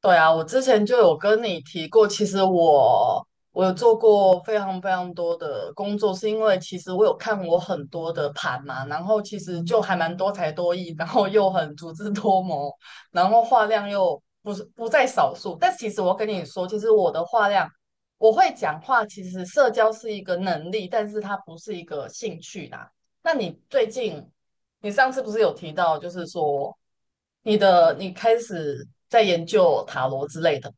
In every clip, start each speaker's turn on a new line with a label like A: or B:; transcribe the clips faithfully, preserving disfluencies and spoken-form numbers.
A: 对啊，我之前就有跟你提过，其实我我有做过非常非常多的工作，是因为其实我有看我很多的盘嘛，然后其实就还蛮多才多艺，然后又很足智多谋，然后话量又不是不在少数。但其实我跟你说，其实我的话量，我会讲话，其实社交是一个能力，但是它不是一个兴趣啦。那你最近，你上次不是有提到，就是说。你的你开始在研究塔罗之类的，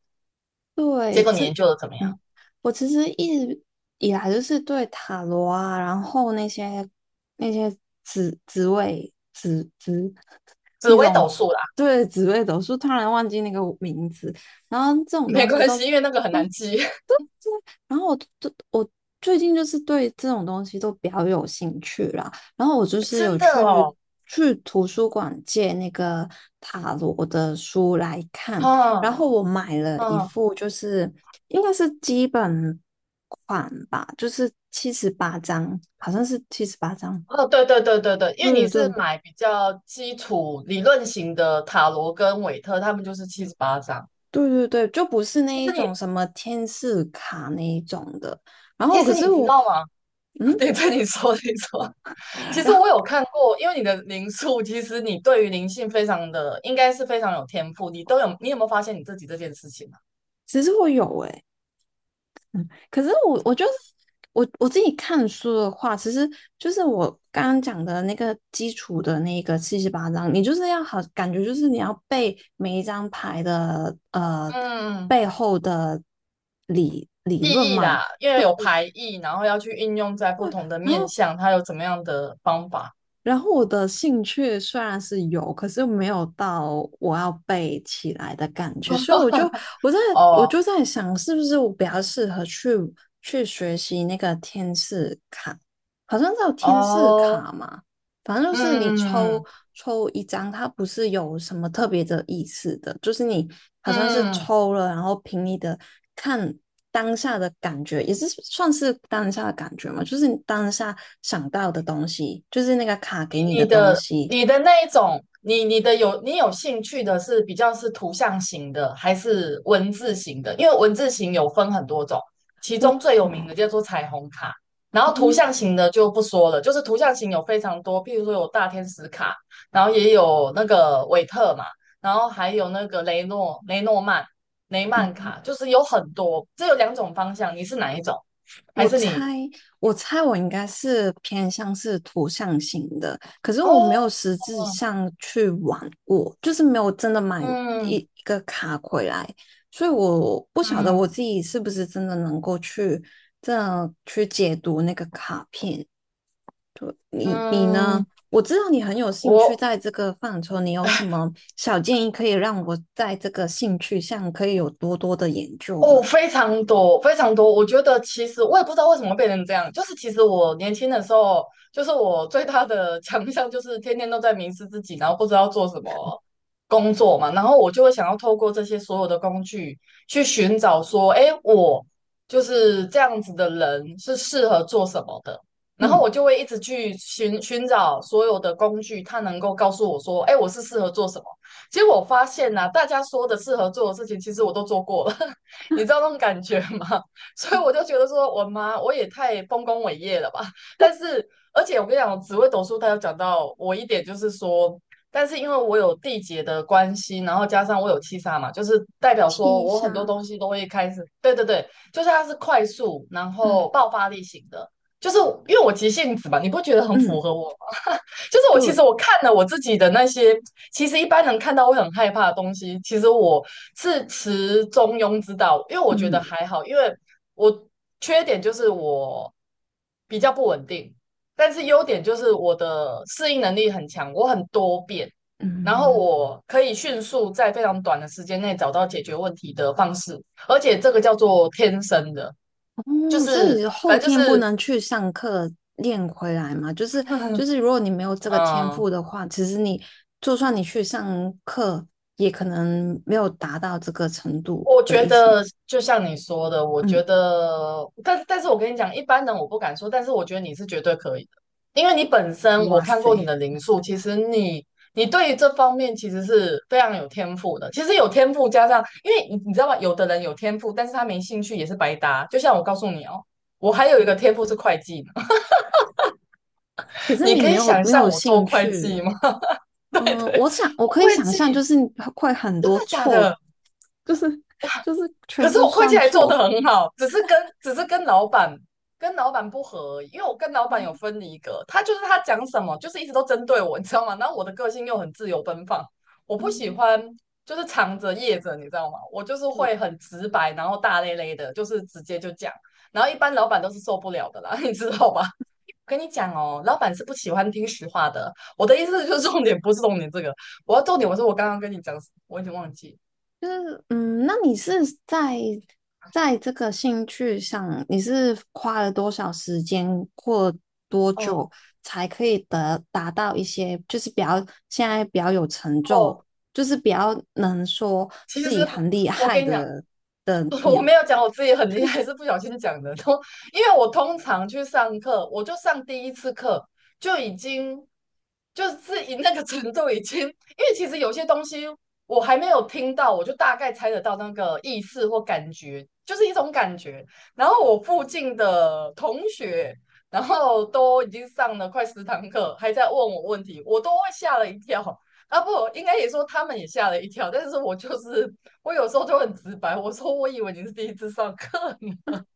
A: 结
B: 对，
A: 果你
B: 这，
A: 研究的怎么样？
B: 嗯，我其实一直以来就是对塔罗啊，然后那些那些紫紫薇紫紫
A: 紫
B: 那
A: 微斗
B: 种。
A: 数啦，
B: 对，紫薇斗数，突然忘记那个名字。然后这 种
A: 没
B: 东西
A: 关系，
B: 都。
A: 因为那个很难记。
B: 对对。然后我就我最近就是对这种东西都比较有兴趣啦。然后我就 是
A: 真
B: 有
A: 的
B: 去
A: 哦，
B: 去图书馆借那个塔罗的书来看。
A: 嗯
B: 然后我买了一
A: 嗯
B: 副，就是应该是基本款吧，就是七十八张，好像是七十八张。
A: 哦，对对对对对，因为你
B: 对对
A: 是
B: 对
A: 买比较基础理论型的塔罗跟韦特，他们就是七十八张。
B: 对对对，就不是
A: 其
B: 那一
A: 实你
B: 种什么天使卡那一种的。然后
A: 其
B: 可
A: 实
B: 是
A: 你知
B: 我。
A: 道吗？
B: 嗯，
A: 对对，你说你说，其实我有看过，因为你的灵数，其实你对于灵性非常的，应该是非常有天赋。你都有，你有没有发现你自己这件事情啊？
B: 其实我有诶。嗯，可是我我就是我我自己看书的话，其实就是我刚刚讲的那个基础的那个七十八张，你就是要好，感觉就是你要背每一张牌的呃
A: 嗯，
B: 背后的理理论
A: 意义
B: 嘛。
A: 啦，因为有排异，然后要去应用在不同的
B: 然
A: 面
B: 后
A: 向，它有怎么样的方法？
B: 然后我的兴趣虽然是有，可是没有到我要背起来的感觉，所以我就我在我
A: 哦
B: 就在想，是不是我比较适合去去学习那个天使卡。好像叫天使
A: 哦，
B: 卡嘛，反正就是你抽
A: 嗯
B: 抽一张，它不是有什么特别的意思的，就是你好像是
A: 嗯。
B: 抽了，然后凭你的看当下的感觉，也是算是当下的感觉嘛，就是你当下想到的东西，就是那个卡给你的
A: 你
B: 东
A: 的
B: 西。
A: 你的那一种，你你的有你有兴趣的是比较是图像型的，还是文字型的？因为文字型有分很多种，其
B: 我
A: 中最有名
B: 嗯。
A: 的叫做彩虹卡，然后图
B: 哦。
A: 像型的就不说了，就是图像型有非常多，譬如说有大天使卡，然后也有那个韦特嘛，然后还有那个雷诺雷诺曼雷曼
B: 嗯。
A: 卡，就是有很多，这有两种方向，你是哪一种？还
B: 我
A: 是
B: 猜，
A: 你？
B: 我猜我应该是偏向是图像型的，可是我没有
A: 哦，
B: 实质上去玩过，就是没有真的买一
A: 嗯
B: 一个卡回来，所以我不晓得我
A: 嗯
B: 自己是不是真的能够去这样去解读那个卡片。你你
A: 嗯。
B: 呢？我知道你很有兴趣
A: 我
B: 在这个范畴，你有什么小建议可以让我在这个兴趣上可以有多多的研究
A: 哦，
B: 呢？
A: 非常多，非常多。我觉得其实我也不知道为什么变成这样，就是其实我年轻的时候，就是我最大的强项就是天天都在迷失自己，然后不知道做什么工作嘛，然后我就会想要透过这些所有的工具去寻找说，哎，我就是这样子的人是适合做什么的，然后
B: 嗯，
A: 我就会一直去寻寻找所有的工具，它能够告诉我说，哎，我是适合做什么。结果我发现呐、啊大家说的适合做的事情，其实我都做过了。你知道那种感觉吗？所以我就觉得说，我妈我也太丰功伟业了吧。但是，而且我跟你讲，紫微斗数它有讲到我一点，就是说，但是因为我有地劫的关系，然后加上我有七杀嘛，就是代表说
B: 七
A: 我很多
B: 杀，
A: 东西都会开始，对对对，就是它是快速，然后
B: 嗯
A: 爆发力型的，就是因为我急性子嘛，你不觉得很符
B: 嗯。
A: 合我吗？就是我其实
B: 对，
A: 我看了我自己的那些，其实一般人看到会很害怕的东西，其实我是持中庸之道，因为我觉得
B: 嗯
A: 还好，因为我缺点就是我比较不稳定，但是优点就是我的适应能力很强，我很多变，然后
B: 嗯，
A: 我可以迅速在非常短的时间内找到解决问题的方式，而且这个叫做天生的，就
B: 哦，所
A: 是
B: 以后
A: 反正就
B: 天不
A: 是，
B: 能去上课练回来嘛？就是就是，如果你没有这个天
A: 嗯。
B: 赋的话，其实你就算你去上课，也可能没有达到这个程度
A: 我
B: 的
A: 觉
B: 意思吗。
A: 得就像你说的，我觉
B: 嗯，
A: 得，但但是我跟你讲，一般人我不敢说，但是我觉得你是绝对可以的，因为你本身我
B: 哇
A: 看过你
B: 塞，
A: 的零数，其实你你对于这方面其实是非常有天赋的。其实有天赋加上，因为你你知道吗？有的人有天赋，但是他没兴趣也是白搭。就像我告诉你哦，我还有一个天赋是会计呢
B: 可 是
A: 你
B: 你
A: 可
B: 没
A: 以
B: 有
A: 想
B: 没
A: 象
B: 有
A: 我做
B: 兴
A: 会
B: 趣。
A: 计吗？对
B: 嗯，
A: 对，
B: 我想我
A: 我
B: 可以
A: 会
B: 想象，
A: 计，
B: 就是你会很
A: 真的
B: 多
A: 假
B: 错，
A: 的？
B: 就是就是全
A: 可
B: 部
A: 是
B: 都
A: 我会计
B: 算
A: 还做得
B: 错。
A: 很好，只是跟只是跟老板跟老板不合而已，因为我跟老板有分离格，他就是他讲什么就是一直都针对我，你知道吗？然后我的个性又很自由奔放，我不喜
B: 嗯，
A: 欢就是藏着掖着，你知道吗？我就是会
B: 对，
A: 很直白，然后大咧咧的，就是直接就讲，然后一般老板都是受不了的啦，你知道吧？跟你讲哦，老板是不喜欢听实话的。我的意思就是重点不是重点这个，我要重点我说我刚刚跟你讲什么我已经忘记
B: 就是嗯，那你是在在这个兴趣上，你是花了多少时间或多
A: 哦
B: 久才可以得达到一些，就是比较现在比较有成就，
A: 哦，
B: 就是比较能说
A: 其
B: 自
A: 实
B: 己很厉
A: 我
B: 害
A: 跟你讲，
B: 的的。
A: 我没有讲我自己很厉害，是不小心讲的。都因为我通常去上课，我就上第一次课就已经就是以那个程度已经，因为其实有些东西我还没有听到，我就大概猜得到那个意思或感觉，就是一种感觉。然后我附近的同学，然后都已经上了快十堂课，还在问我问题，我都会吓了一跳。啊不，应该也说他们也吓了一跳，但是我就是我有时候就很直白，我说我以为你是第一次上课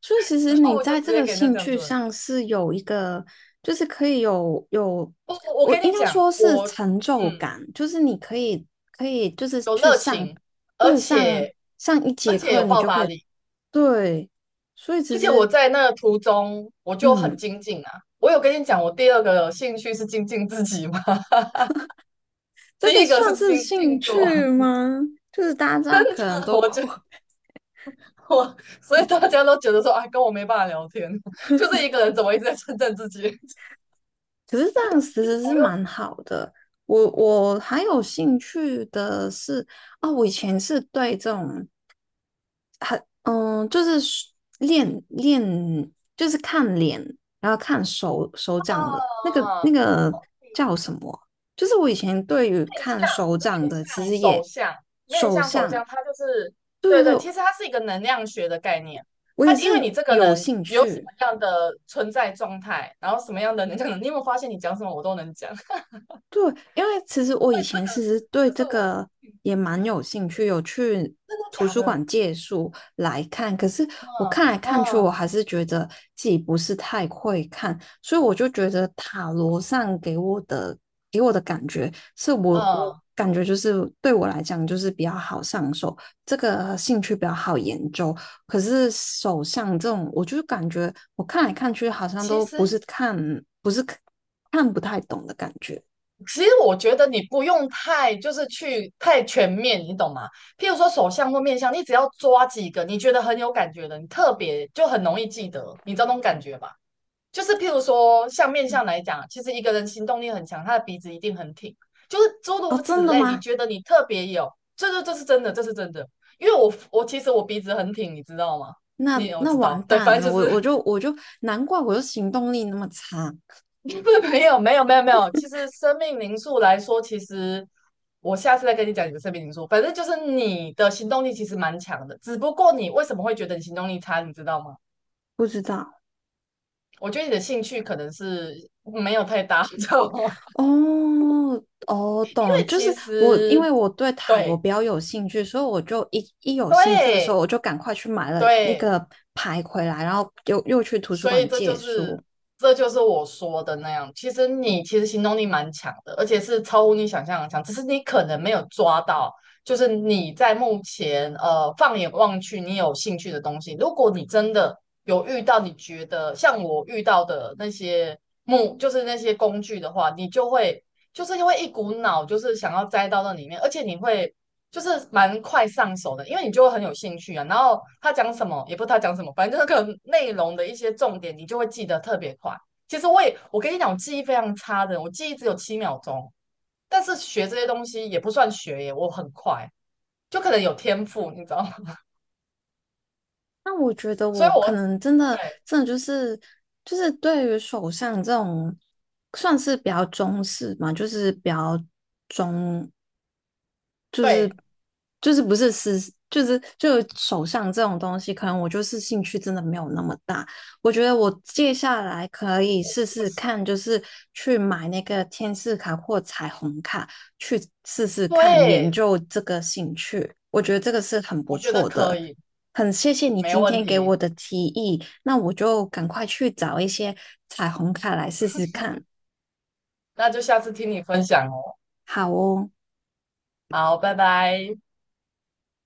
B: 所以其实
A: 然后
B: 你
A: 我就
B: 在
A: 直
B: 这
A: 接
B: 个
A: 给人家
B: 兴
A: 这样
B: 趣
A: 做。
B: 上是有一个，就是可以有有，
A: 不，我
B: 我
A: 跟
B: 应
A: 你
B: 该
A: 讲，
B: 说是
A: 我
B: 成就
A: 嗯
B: 感，就是你可以可以就是
A: 有
B: 去
A: 热
B: 上。
A: 情，而
B: 对，上
A: 且
B: 上一
A: 而
B: 节
A: 且
B: 课
A: 有
B: 你
A: 爆
B: 就可
A: 发
B: 以。
A: 力，
B: 对，所以其
A: 而且我
B: 实
A: 在那个途中我就很
B: 嗯，
A: 精进啊。我有跟你讲，我第二个兴趣是精进自己吗？
B: 这
A: 第
B: 个
A: 一个
B: 算
A: 是
B: 是
A: 精
B: 兴
A: 进做
B: 趣吗？就是大家可能 都
A: 我就
B: 会。
A: 我，所以大家都觉得说，哎，跟我没办法聊天，就是一个人怎么一直在称赞自己，
B: 可是这样其实是
A: 我又
B: 蛮好的。我我还有兴趣的是。啊，我以前是对这种。嗯，就是练练，就是看脸，然后看手手掌的那个那
A: 啊。
B: 个叫什么啊。就是我以前对于看手掌
A: 面
B: 的，其
A: 向
B: 实
A: 手
B: 也
A: 相，面
B: 手
A: 向手
B: 相。
A: 相，它就是
B: 对
A: 对
B: 对
A: 对，
B: 对，
A: 其实它是一个能量学的概念。
B: 我也
A: 它因为
B: 是
A: 你这个
B: 有
A: 人
B: 兴
A: 有什
B: 趣。
A: 么样的存在状态，然后什么样的能量，你有没有发现你讲什么我都能讲？
B: 对，因为其实我以
A: 这
B: 前
A: 个
B: 其实对
A: 就是
B: 这
A: 我的，
B: 个
A: 嗯
B: 也蛮有兴趣，有去
A: 真的
B: 图
A: 假
B: 书馆
A: 的？
B: 借书来看。可是我
A: 嗯
B: 看来看去，
A: 嗯
B: 我还是觉得自己不是太会看，所以我就觉得塔罗上给我的给我的感觉是我我
A: 嗯，
B: 感觉就是对我来讲就是比较好上手，这个兴趣比较好研究。可是手相这种，我就感觉我看来看去好像
A: 其
B: 都不是
A: 实
B: 看不是看看不太懂的感觉。
A: 其实我觉得你不用太就是去太全面，你懂吗？譬如说手相或面相，你只要抓几个你觉得很有感觉的，你特别就很容易记得，你知道那种感觉吧？就是譬如说，像面
B: 嗯。
A: 相来讲，其实一个人行动力很强，他的鼻子一定很挺，就是诸
B: 哦，
A: 如此
B: 真的
A: 类。你
B: 吗？
A: 觉得你特别有，这这这是真的，这是真的。因为我我其实我鼻子很挺，你知道吗？
B: 那
A: 你我
B: 那
A: 知
B: 完
A: 道，对，
B: 蛋
A: 反正
B: 了，
A: 就
B: 我
A: 是
B: 我就我就难怪我就行动力那么差。
A: 不是没有没有没有没有。其实生命灵数来说，其实我下次再跟你讲你的生命灵数。反正就是你的行动力其实蛮强的，只不过你为什么会觉得你行动力差，你知道吗？
B: 不知道。
A: 我觉得你的兴趣可能是没有太大，你知道吗？
B: 哦哦，懂了，
A: 为
B: 就是
A: 其
B: 我因
A: 实
B: 为我对塔罗
A: 对
B: 比较有兴趣，所以我就一一有兴趣的时候，
A: 对
B: 我就赶快去买了那
A: 对，
B: 个牌回来，然后又又去图书
A: 所以
B: 馆
A: 这就
B: 借书。
A: 是这就是我说的那样。其实你其实行动力蛮强的，而且是超乎你想象的强，只是你可能没有抓到，就是你在目前呃放眼望去，你有兴趣的东西。如果你真的有遇到，你觉得像我遇到的那些木，就是那些工具的话，你就会。就是因为一股脑，就是想要栽到那里面，而且你会就是蛮快上手的，因为你就会很有兴趣啊。然后他讲什么，也不知他讲什么，反正就是可能内容的一些重点，你就会记得特别快。其实我也，我跟你讲，我记忆非常差的，我记忆只有七秒钟。但是学这些东西也不算学耶，我很快，就可能有天赋，你知道吗？
B: 那我觉得
A: 所以
B: 我可
A: 我
B: 能真的
A: 对
B: 真的就是就是对于手相这种算是比较中式嘛，就是比较。中就是
A: 对，
B: 就是不是是就是就手上这种东西，可能我就是兴趣真的没有那么大。我觉得我接下来可以试
A: 我
B: 试
A: 是
B: 看，就是去买那个天使卡或彩虹卡，去试试看研
A: 对，
B: 究这个兴趣。我觉得这个是很不
A: 我觉得
B: 错
A: 可
B: 的，
A: 以，
B: 很谢谢你
A: 没
B: 今
A: 问
B: 天给我
A: 题。
B: 的提议，那我就赶快去找一些彩虹卡来试试看。
A: 那就下次听你分享哦。
B: 好哦。
A: 好，拜拜。